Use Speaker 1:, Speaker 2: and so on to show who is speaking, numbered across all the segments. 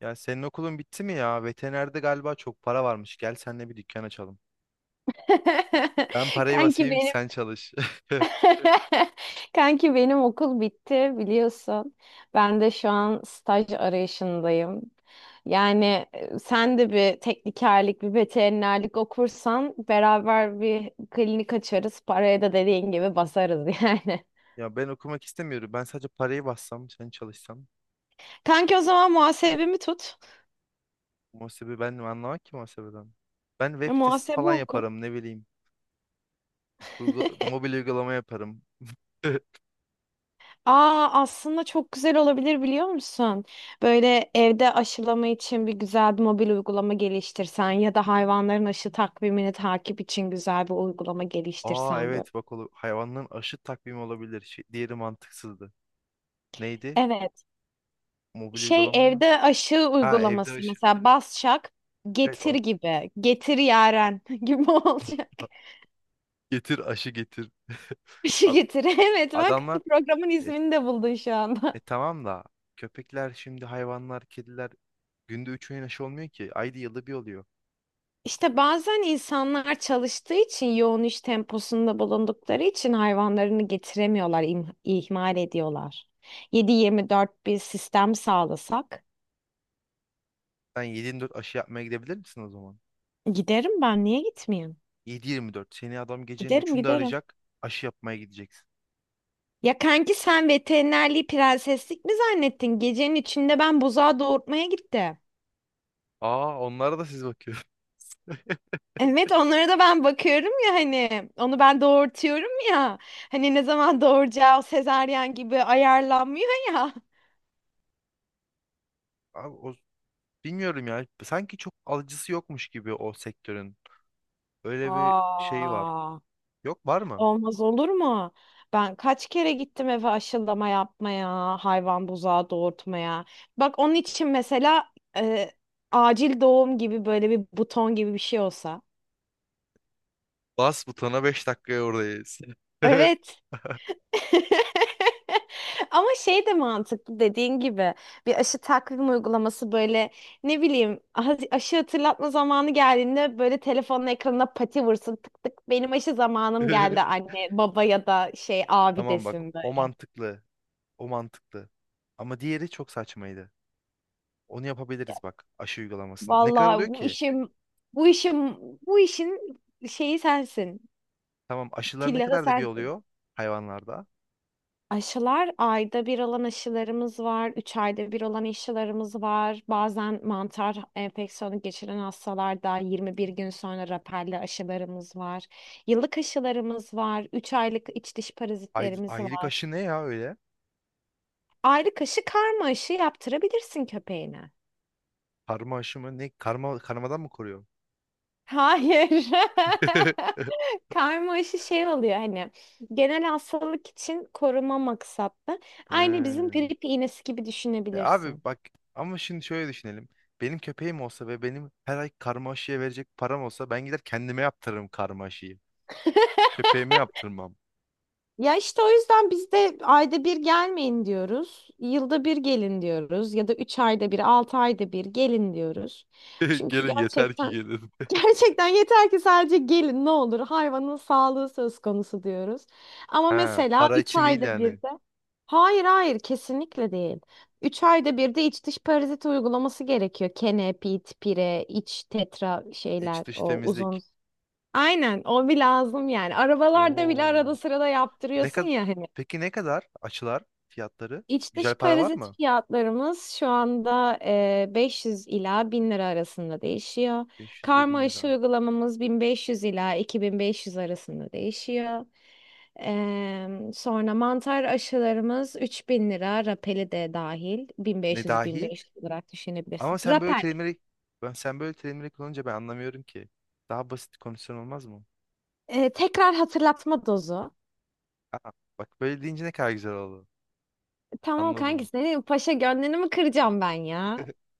Speaker 1: Ya senin okulun bitti mi ya? Veterinerde galiba çok para varmış. Gel seninle bir dükkan açalım. Ben parayı
Speaker 2: Kanki
Speaker 1: basayım,
Speaker 2: benim
Speaker 1: sen çalış.
Speaker 2: Kanki benim okul bitti biliyorsun. Ben de şu an staj arayışındayım. Yani sen de bir teknikerlik, bir veterinerlik okursan beraber bir klinik açarız. Paraya da dediğin gibi basarız yani.
Speaker 1: Ya ben okumak istemiyorum. Ben sadece parayı bassam, sen çalışsan.
Speaker 2: Kanki o zaman muhasebemi tut.
Speaker 1: Muhasebe ben mi anlamak ki muhasebeden? Ben web sitesi
Speaker 2: Muhasebe
Speaker 1: falan
Speaker 2: oku.
Speaker 1: yaparım, ne bileyim. Mobil uygulama yaparım.
Speaker 2: Aa aslında çok güzel olabilir biliyor musun? Böyle evde aşılama için bir güzel bir mobil uygulama geliştirsen ya da hayvanların aşı takvimini takip için güzel bir uygulama
Speaker 1: Aa
Speaker 2: geliştirsen böyle.
Speaker 1: evet bak hayvanların aşı takvimi olabilir. Şey, diğeri mantıksızdı. Neydi?
Speaker 2: Evet.
Speaker 1: Mobil
Speaker 2: Şey
Speaker 1: uygulama mı?
Speaker 2: evde aşı
Speaker 1: Ha, evde
Speaker 2: uygulaması
Speaker 1: aşı.
Speaker 2: mesela Basçak
Speaker 1: Evet
Speaker 2: getir gibi. Getir Yaren gibi olacak.
Speaker 1: getir aşı getir.
Speaker 2: Aşı
Speaker 1: A-
Speaker 2: getir. Evet bak
Speaker 1: Adamlar,
Speaker 2: programın
Speaker 1: e,
Speaker 2: ismini de buldun şu anda.
Speaker 1: e tamam da köpekler, şimdi hayvanlar, kediler günde 3 öğün aşı olmuyor ki. Ayda yılda bir oluyor.
Speaker 2: İşte bazen insanlar çalıştığı için yoğun iş temposunda bulundukları için hayvanlarını getiremiyorlar, ihmal ediyorlar. 7-24 bir sistem sağlasak
Speaker 1: Sen 7-24 aşı yapmaya gidebilir misin o zaman?
Speaker 2: giderim ben niye gitmeyeyim?
Speaker 1: 7-24 seni adam gecenin
Speaker 2: Giderim
Speaker 1: üçünde
Speaker 2: giderim.
Speaker 1: arayacak, aşı yapmaya gideceksin.
Speaker 2: Ya kanki sen veterinerliği prenseslik mi zannettin? Gecenin içinde ben buzağı doğurtmaya gittim.
Speaker 1: Aa, onlara da siz bakıyorsunuz.
Speaker 2: Evet onlara da ben bakıyorum ya hani onu ben doğurtuyorum ya. Hani ne zaman doğuracağı sezaryen gibi ayarlanmıyor ya.
Speaker 1: Abi bilmiyorum ya, sanki çok alıcısı yokmuş gibi o sektörün. Öyle bir şey var.
Speaker 2: Aa.
Speaker 1: Yok, var mı?
Speaker 2: Olmaz olur mu? Ben kaç kere gittim eve aşılama yapmaya, hayvan buzağı doğurtmaya. Bak onun için mesela e, acil doğum gibi böyle bir buton gibi bir şey olsa.
Speaker 1: Bas butona, 5 dakikaya oradayız.
Speaker 2: Evet. Ama şey de mantıklı dediğin gibi bir aşı takvim uygulaması böyle ne bileyim aşı hatırlatma zamanı geldiğinde böyle telefonun ekranına pati vursun tık tık benim aşı zamanım geldi anne baba ya da şey abi
Speaker 1: Tamam bak,
Speaker 2: desin.
Speaker 1: o mantıklı. O mantıklı. Ama diğeri çok saçmaydı. Onu yapabiliriz bak, aşı uygulamasında. Ne kadar oluyor
Speaker 2: Vallahi bu
Speaker 1: ki?
Speaker 2: işim bu işim bu işin şeyi sensin.
Speaker 1: Tamam, aşılar ne
Speaker 2: Tillahı
Speaker 1: kadar da bir
Speaker 2: sensin.
Speaker 1: oluyor hayvanlarda?
Speaker 2: Aşılar ayda bir olan aşılarımız var. Üç ayda bir olan aşılarımız var. Bazen mantar enfeksiyonu geçiren hastalarda 21 gün sonra rapelli aşılarımız var. Yıllık aşılarımız var. Üç aylık iç dış
Speaker 1: Ay,
Speaker 2: parazitlerimiz
Speaker 1: aylık
Speaker 2: var.
Speaker 1: aşı ne ya öyle?
Speaker 2: Aylık aşı karma aşı yaptırabilirsin köpeğine.
Speaker 1: Karma aşı mı? Ne? Karma, karmadan mı koruyor?
Speaker 2: Hayır. Karma aşı şey oluyor hani genel hastalık için koruma maksatlı. Aynı bizim
Speaker 1: He.
Speaker 2: grip iğnesi gibi
Speaker 1: E abi
Speaker 2: düşünebilirsin.
Speaker 1: bak, ama şimdi şöyle düşünelim. Benim köpeğim olsa ve benim her ay karma aşıya verecek param olsa, ben gider kendime yaptırırım karma aşıyı. Köpeğime yaptırmam.
Speaker 2: Ya işte o yüzden biz de ayda bir gelmeyin diyoruz. Yılda bir gelin diyoruz. Ya da üç ayda bir, altı ayda bir gelin diyoruz. Çünkü
Speaker 1: Gelin, yeter ki
Speaker 2: gerçekten
Speaker 1: gelin.
Speaker 2: Gerçekten yeter ki sadece gelin ne olur hayvanın sağlığı söz konusu diyoruz. Ama
Speaker 1: Ha,
Speaker 2: mesela
Speaker 1: para
Speaker 2: 3
Speaker 1: için değil
Speaker 2: ayda bir
Speaker 1: yani.
Speaker 2: de hayır hayır kesinlikle değil. 3 ayda bir de iç dış parazit uygulaması gerekiyor. Kene, pit, pire, iç tetra
Speaker 1: İç
Speaker 2: şeyler
Speaker 1: dış
Speaker 2: o uzun.
Speaker 1: temizlik.
Speaker 2: Aynen o bir lazım yani. Arabalarda bile
Speaker 1: Oo.
Speaker 2: arada sırada
Speaker 1: Ne
Speaker 2: yaptırıyorsun
Speaker 1: kadar
Speaker 2: ya hani.
Speaker 1: Peki ne kadar açılar fiyatları?
Speaker 2: İç dış
Speaker 1: Güzel para var
Speaker 2: parazit
Speaker 1: mı?
Speaker 2: fiyatlarımız şu anda e, 500 ila 1000 lira arasında değişiyor.
Speaker 1: 500 ile
Speaker 2: Karma
Speaker 1: 1000
Speaker 2: aşı
Speaker 1: lira.
Speaker 2: uygulamamız 1500 ila 2500 arasında değişiyor. Sonra mantar aşılarımız 3.000 lira, rapeli de dahil
Speaker 1: Ne dahil?
Speaker 2: 1500-1500 olarak
Speaker 1: Ama
Speaker 2: düşünebilirsin.
Speaker 1: sen böyle
Speaker 2: Rapel,
Speaker 1: terimleri ben sen böyle terimleri kullanınca ben anlamıyorum ki. Daha basit komisyon olmaz mı?
Speaker 2: e, tekrar hatırlatma dozu.
Speaker 1: Aa, bak böyle deyince ne kadar güzel oldu.
Speaker 2: Tamam kanki
Speaker 1: Anladım.
Speaker 2: senin paşa gönlünü mü kıracağım ben ya?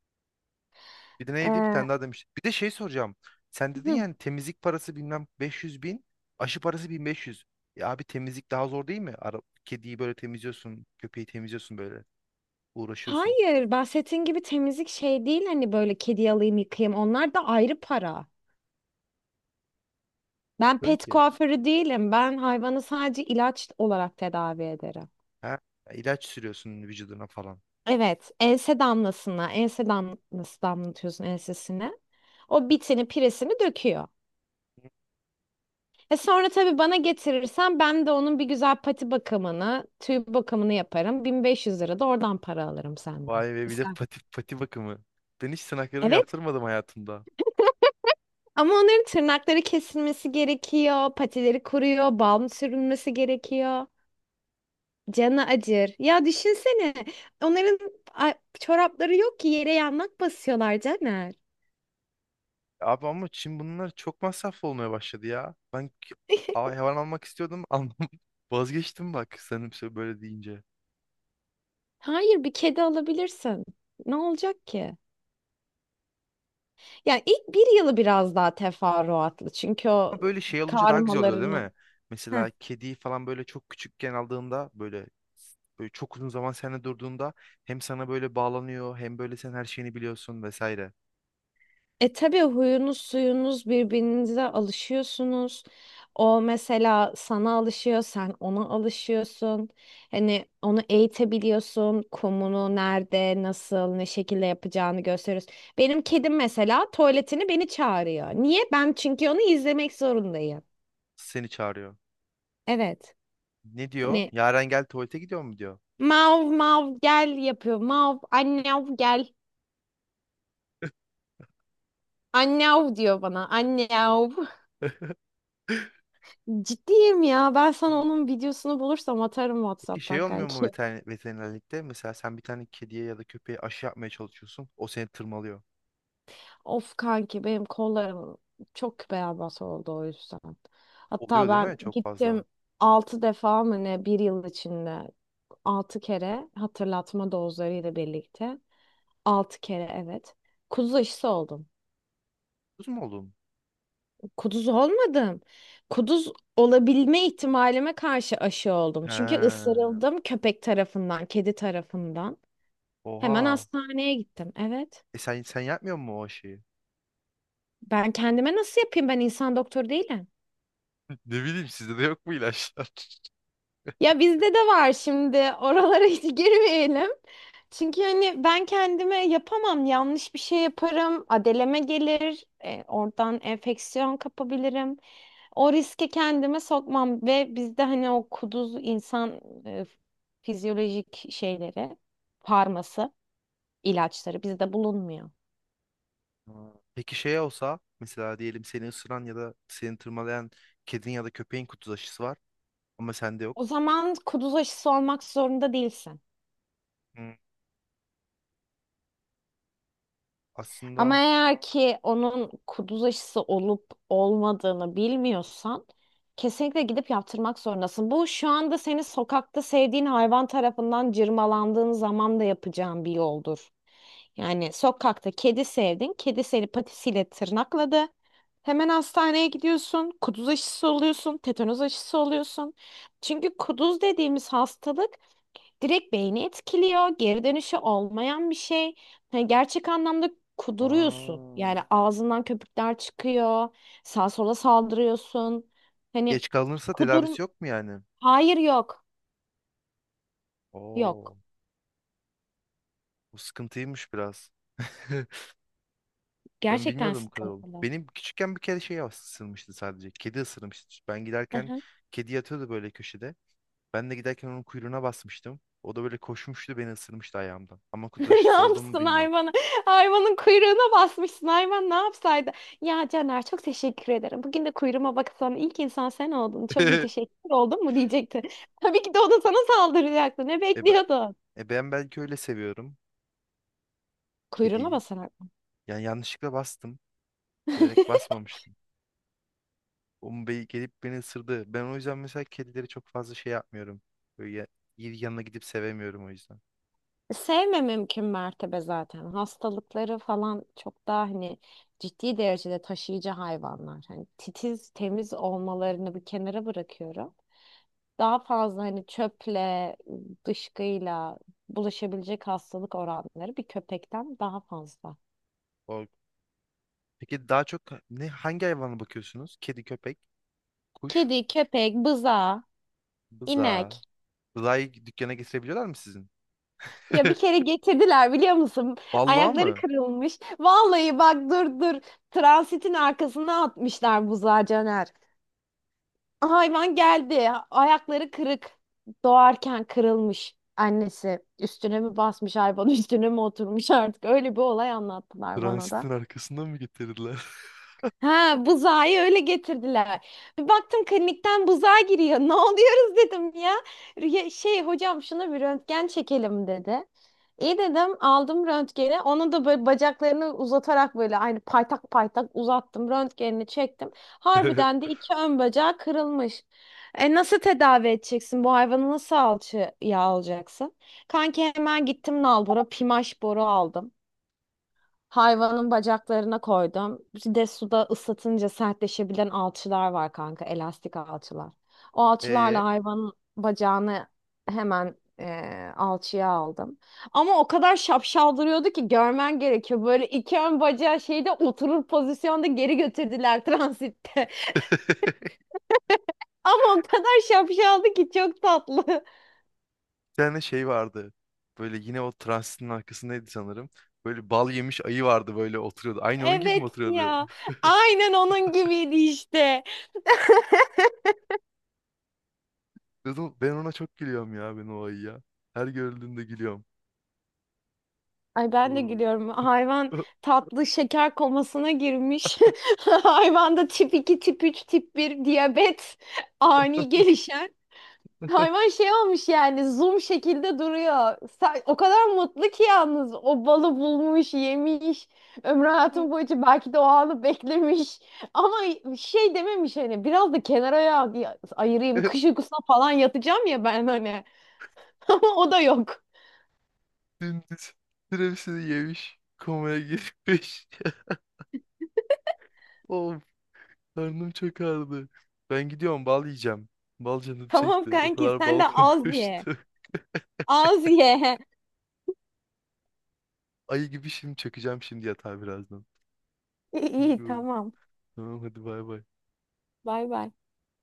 Speaker 1: Bir de neydi? Bir
Speaker 2: E,
Speaker 1: tane daha demiş. Bir de şey soracağım. Sen dedin yani, temizlik parası bilmem 500 bin, aşı parası 1500. Ya abi, temizlik daha zor değil mi? Ara, kediyi böyle temizliyorsun, köpeği temizliyorsun böyle. Uğraşıyorsun.
Speaker 2: Hayır, bahsettiğin gibi temizlik şey değil hani böyle kedi alayım yıkayayım onlar da ayrı para. Ben
Speaker 1: Diyorsun
Speaker 2: pet
Speaker 1: ki
Speaker 2: kuaförü değilim. Ben hayvanı sadece ilaç olarak tedavi ederim.
Speaker 1: Ha, ilaç sürüyorsun vücuduna falan.
Speaker 2: Evet, ense damlasına, ense damlası damlatıyorsun ensesine. O bitini, piresini döküyor. E sonra tabii bana getirirsen ben de onun bir güzel pati bakımını, tüy bakımını yaparım. 1500 lira da oradan para alırım senden.
Speaker 1: Vay be, bir de
Speaker 2: İster.
Speaker 1: pati bakımı. Ben hiç tırnaklarımı
Speaker 2: Evet,
Speaker 1: yaptırmadım hayatımda.
Speaker 2: ama onların tırnakları kesilmesi gerekiyor, patileri kuruyor, balm sürülmesi gerekiyor. Canı acır. Ya düşünsene, onların a- çorapları yok ki yere yanmak basıyorlar Caner.
Speaker 1: Abi ama şimdi bunlar çok masraflı olmaya başladı ya. Hayvan almak istiyordum, almam. Vazgeçtim bak, sanırım böyle deyince.
Speaker 2: Hayır, bir kedi alabilirsin. Ne olacak ki? Yani ilk bir yılı biraz daha teferruatlı çünkü o
Speaker 1: Ama böyle şey olunca daha güzel oluyor değil
Speaker 2: karmalarını.
Speaker 1: mi? Mesela kediyi falan böyle çok küçükken aldığında, böyle böyle çok uzun zaman seninle durduğunda, hem sana böyle bağlanıyor, hem böyle sen her şeyini biliyorsun vesaire.
Speaker 2: E tabii huyunuz suyunuz birbirinize alışıyorsunuz. O mesela sana alışıyor, sen ona alışıyorsun. Hani onu eğitebiliyorsun. Kumunu nerede, nasıl, ne şekilde yapacağını gösteriyoruz. Benim kedim mesela tuvaletini beni çağırıyor. Niye? Ben çünkü onu izlemek zorundayım.
Speaker 1: Seni çağırıyor.
Speaker 2: Evet.
Speaker 1: Ne diyor?
Speaker 2: Hani
Speaker 1: Yaren gel tuvalete, gidiyor mu diyor.
Speaker 2: mav mav gel yapıyor. Mav annev gel. Annev diyor bana. Annev. Ciddiyim ya. Ben sana onun videosunu bulursam atarım
Speaker 1: Peki şey
Speaker 2: WhatsApp'tan
Speaker 1: olmuyor mu
Speaker 2: kanki.
Speaker 1: veterinerlikte? Mesela sen bir tane kediye ya da köpeğe aşı yapmaya çalışıyorsun. O seni tırmalıyor.
Speaker 2: Of kanki benim kollarım çok beyaz oldu o yüzden. Hatta
Speaker 1: Oluyor değil mi?
Speaker 2: ben
Speaker 1: Çok fazla.
Speaker 2: gittim 6 defa mı ne bir yıl içinde 6 kere hatırlatma dozlarıyla birlikte 6 kere evet. Kuduz aşısı oldum.
Speaker 1: Kız mı oldun?
Speaker 2: Kuduz olmadım. Kuduz olabilme ihtimalime karşı aşı oldum.
Speaker 1: He.
Speaker 2: Çünkü ısırıldım köpek tarafından, kedi tarafından. Hemen
Speaker 1: Oha.
Speaker 2: hastaneye gittim. Evet.
Speaker 1: E sen yapmıyor musun o aşıyı?
Speaker 2: Ben kendime nasıl yapayım? Ben insan doktoru değilim.
Speaker 1: Ne bileyim, sizde de yok mu ilaçlar?
Speaker 2: Ya bizde de var şimdi. Oralara hiç girmeyelim. Çünkü hani ben kendime yapamam. Yanlış bir şey yaparım. Adeleme gelir. Oradan enfeksiyon kapabilirim. O riski kendime sokmam. Ve bizde hani o kuduz insan e, fizyolojik şeyleri, farması, ilaçları bizde bulunmuyor.
Speaker 1: Aa. Peki şey olsa mesela, diyelim seni ısıran ya da seni tırmalayan kedin ya da köpeğin kutu aşısı var, ama sende
Speaker 2: O
Speaker 1: yok.
Speaker 2: zaman kuduz aşısı olmak zorunda değilsin.
Speaker 1: Hmm,
Speaker 2: Ama
Speaker 1: aslında.
Speaker 2: eğer ki onun kuduz aşısı olup olmadığını bilmiyorsan kesinlikle gidip yaptırmak zorundasın. Bu şu anda seni sokakta sevdiğin hayvan tarafından cırmalandığın zaman da yapacağın bir yoldur. Yani sokakta kedi sevdin, kedi seni patisiyle tırnakladı. Hemen hastaneye gidiyorsun, kuduz aşısı oluyorsun, tetanoz aşısı oluyorsun. Çünkü kuduz dediğimiz hastalık direkt beyni etkiliyor. Geri dönüşü olmayan bir şey. Hani gerçek anlamda kuduruyorsun.
Speaker 1: Aa,
Speaker 2: Yani ağzından köpükler çıkıyor. Sağa sola saldırıyorsun. Hani
Speaker 1: geç kalınırsa
Speaker 2: kudurum...
Speaker 1: tedavisi yok mu yani?
Speaker 2: Hayır yok.
Speaker 1: Oo,
Speaker 2: Yok.
Speaker 1: bu sıkıntıymış biraz. Ben
Speaker 2: Gerçekten
Speaker 1: bilmiyordum bu kadar oldu.
Speaker 2: sıkıntılı.
Speaker 1: Benim küçükken bir kere şey ısırmıştı sadece. Kedi ısırmıştı. Ben giderken
Speaker 2: Aha.
Speaker 1: kedi yatıyordu böyle köşede. Ben de giderken onun kuyruğuna basmıştım. O da böyle koşmuştu, beni ısırmıştı ayağımdan. Ama kutu
Speaker 2: Ne
Speaker 1: aşısı olduğumu
Speaker 2: yapsın
Speaker 1: bilmiyorum.
Speaker 2: hayvanı? Hayvanın kuyruğuna basmışsın. Hayvan ne yapsaydı? Ya Caner çok teşekkür ederim. Bugün de kuyruğuma baksan ilk insan sen oldun. Çok müteşekkir oldun mu diyecekti. Tabii ki de o da sana saldıracaktı. Ne
Speaker 1: E, ben-
Speaker 2: bekliyordun?
Speaker 1: E ben belki öyle seviyorum
Speaker 2: Kuyruğuna
Speaker 1: kediyi.
Speaker 2: basar.
Speaker 1: Yani yanlışlıkla bastım. Bilerek basmamıştım. O mu be gelip beni ısırdı. Ben o yüzden mesela kedileri çok fazla şey yapmıyorum. Böyle ya- Yanına gidip sevemiyorum o yüzden.
Speaker 2: Sevme mümkün mertebe zaten. Hastalıkları falan çok daha hani ciddi derecede taşıyıcı hayvanlar. Hani titiz, temiz olmalarını bir kenara bırakıyorum. Daha fazla hani çöple, dışkıyla bulaşabilecek hastalık oranları bir köpekten daha fazla.
Speaker 1: O... Peki daha çok ne, hangi hayvana bakıyorsunuz? Kedi, köpek, kuş,
Speaker 2: Kedi, köpek, bıza,
Speaker 1: bıza.
Speaker 2: inek.
Speaker 1: Bızayı dükkana getirebiliyorlar mı sizin?
Speaker 2: Ya bir kere getirdiler biliyor musun?
Speaker 1: Vallahi
Speaker 2: Ayakları
Speaker 1: mı?
Speaker 2: kırılmış. Vallahi bak, dur dur. Transitin arkasına atmışlar buzağı Caner. Hayvan geldi. Ayakları kırık. Doğarken kırılmış. Annesi üstüne mi basmış hayvan? üstüne mi oturmuş artık öyle bir olay anlattılar bana da.
Speaker 1: Transitin arkasından mı getirdiler?
Speaker 2: Ha, buzağı öyle getirdiler. Bir baktım klinikten buzağı giriyor. Ne oluyoruz dedim ya. Şey hocam şuna bir röntgen çekelim dedi. İyi dedim aldım röntgeni. Onu da böyle bacaklarını uzatarak böyle aynı paytak paytak uzattım. Röntgenini çektim. Harbiden de iki ön bacağı kırılmış. E nasıl tedavi edeceksin? Bu hayvanı nasıl alçıya alacaksın? Kanki hemen gittim nalbura pimaş boru aldım. Hayvanın bacaklarına koydum. Bir de suda ıslatınca sertleşebilen alçılar var kanka, elastik alçılar. O alçılarla
Speaker 1: E
Speaker 2: hayvanın bacağını hemen alçıya aldım. Ama o kadar şapşal duruyordu ki görmen gerekiyor. Böyle iki ön bacağı şeyde oturur pozisyonda geri götürdüler transitte. Ama o kadar şapşaldı ki çok tatlı.
Speaker 1: bir tane şey vardı. Böyle yine o transistorun arkasındaydı sanırım. Böyle bal yemiş ayı vardı, böyle oturuyordu. Aynı onun gibi mi
Speaker 2: Evet
Speaker 1: oturuyordu?
Speaker 2: ya. Aynen onun gibiydi işte.
Speaker 1: Dedim, ben ona çok gülüyorum ya, ben o ayıya. Her gördüğümde gülüyorum.
Speaker 2: Ay ben de
Speaker 1: Oo.
Speaker 2: gülüyorum. Hayvan tatlı şeker komasına girmiş. Hayvanda tip 2 tip 3 tip bir diyabet ani gelişen. Hayvan şey olmuş yani zoom şekilde duruyor. O kadar mutlu ki yalnız o balı bulmuş, yemiş. Ömrü hayatım boyunca belki de o anı beklemiş. Ama şey dememiş hani biraz da kenara ayırayım. Kış uykusuna falan yatacağım ya ben hani. Ama o da yok.
Speaker 1: Dümdüz türevsini yemiş. Komaya girmiş. Of, karnım çok ağrıdı. Ben gidiyorum bal yiyeceğim. Bal canım
Speaker 2: Tamam
Speaker 1: çekti. O
Speaker 2: kanki
Speaker 1: kadar
Speaker 2: sen
Speaker 1: bal
Speaker 2: de az ye.
Speaker 1: konuştu.
Speaker 2: Az ye.
Speaker 1: Ayı gibi şimdi çökeceğim şimdi yatağa birazdan.
Speaker 2: İyi, iyi tamam.
Speaker 1: Tamam hadi bay bay.
Speaker 2: Bay bay.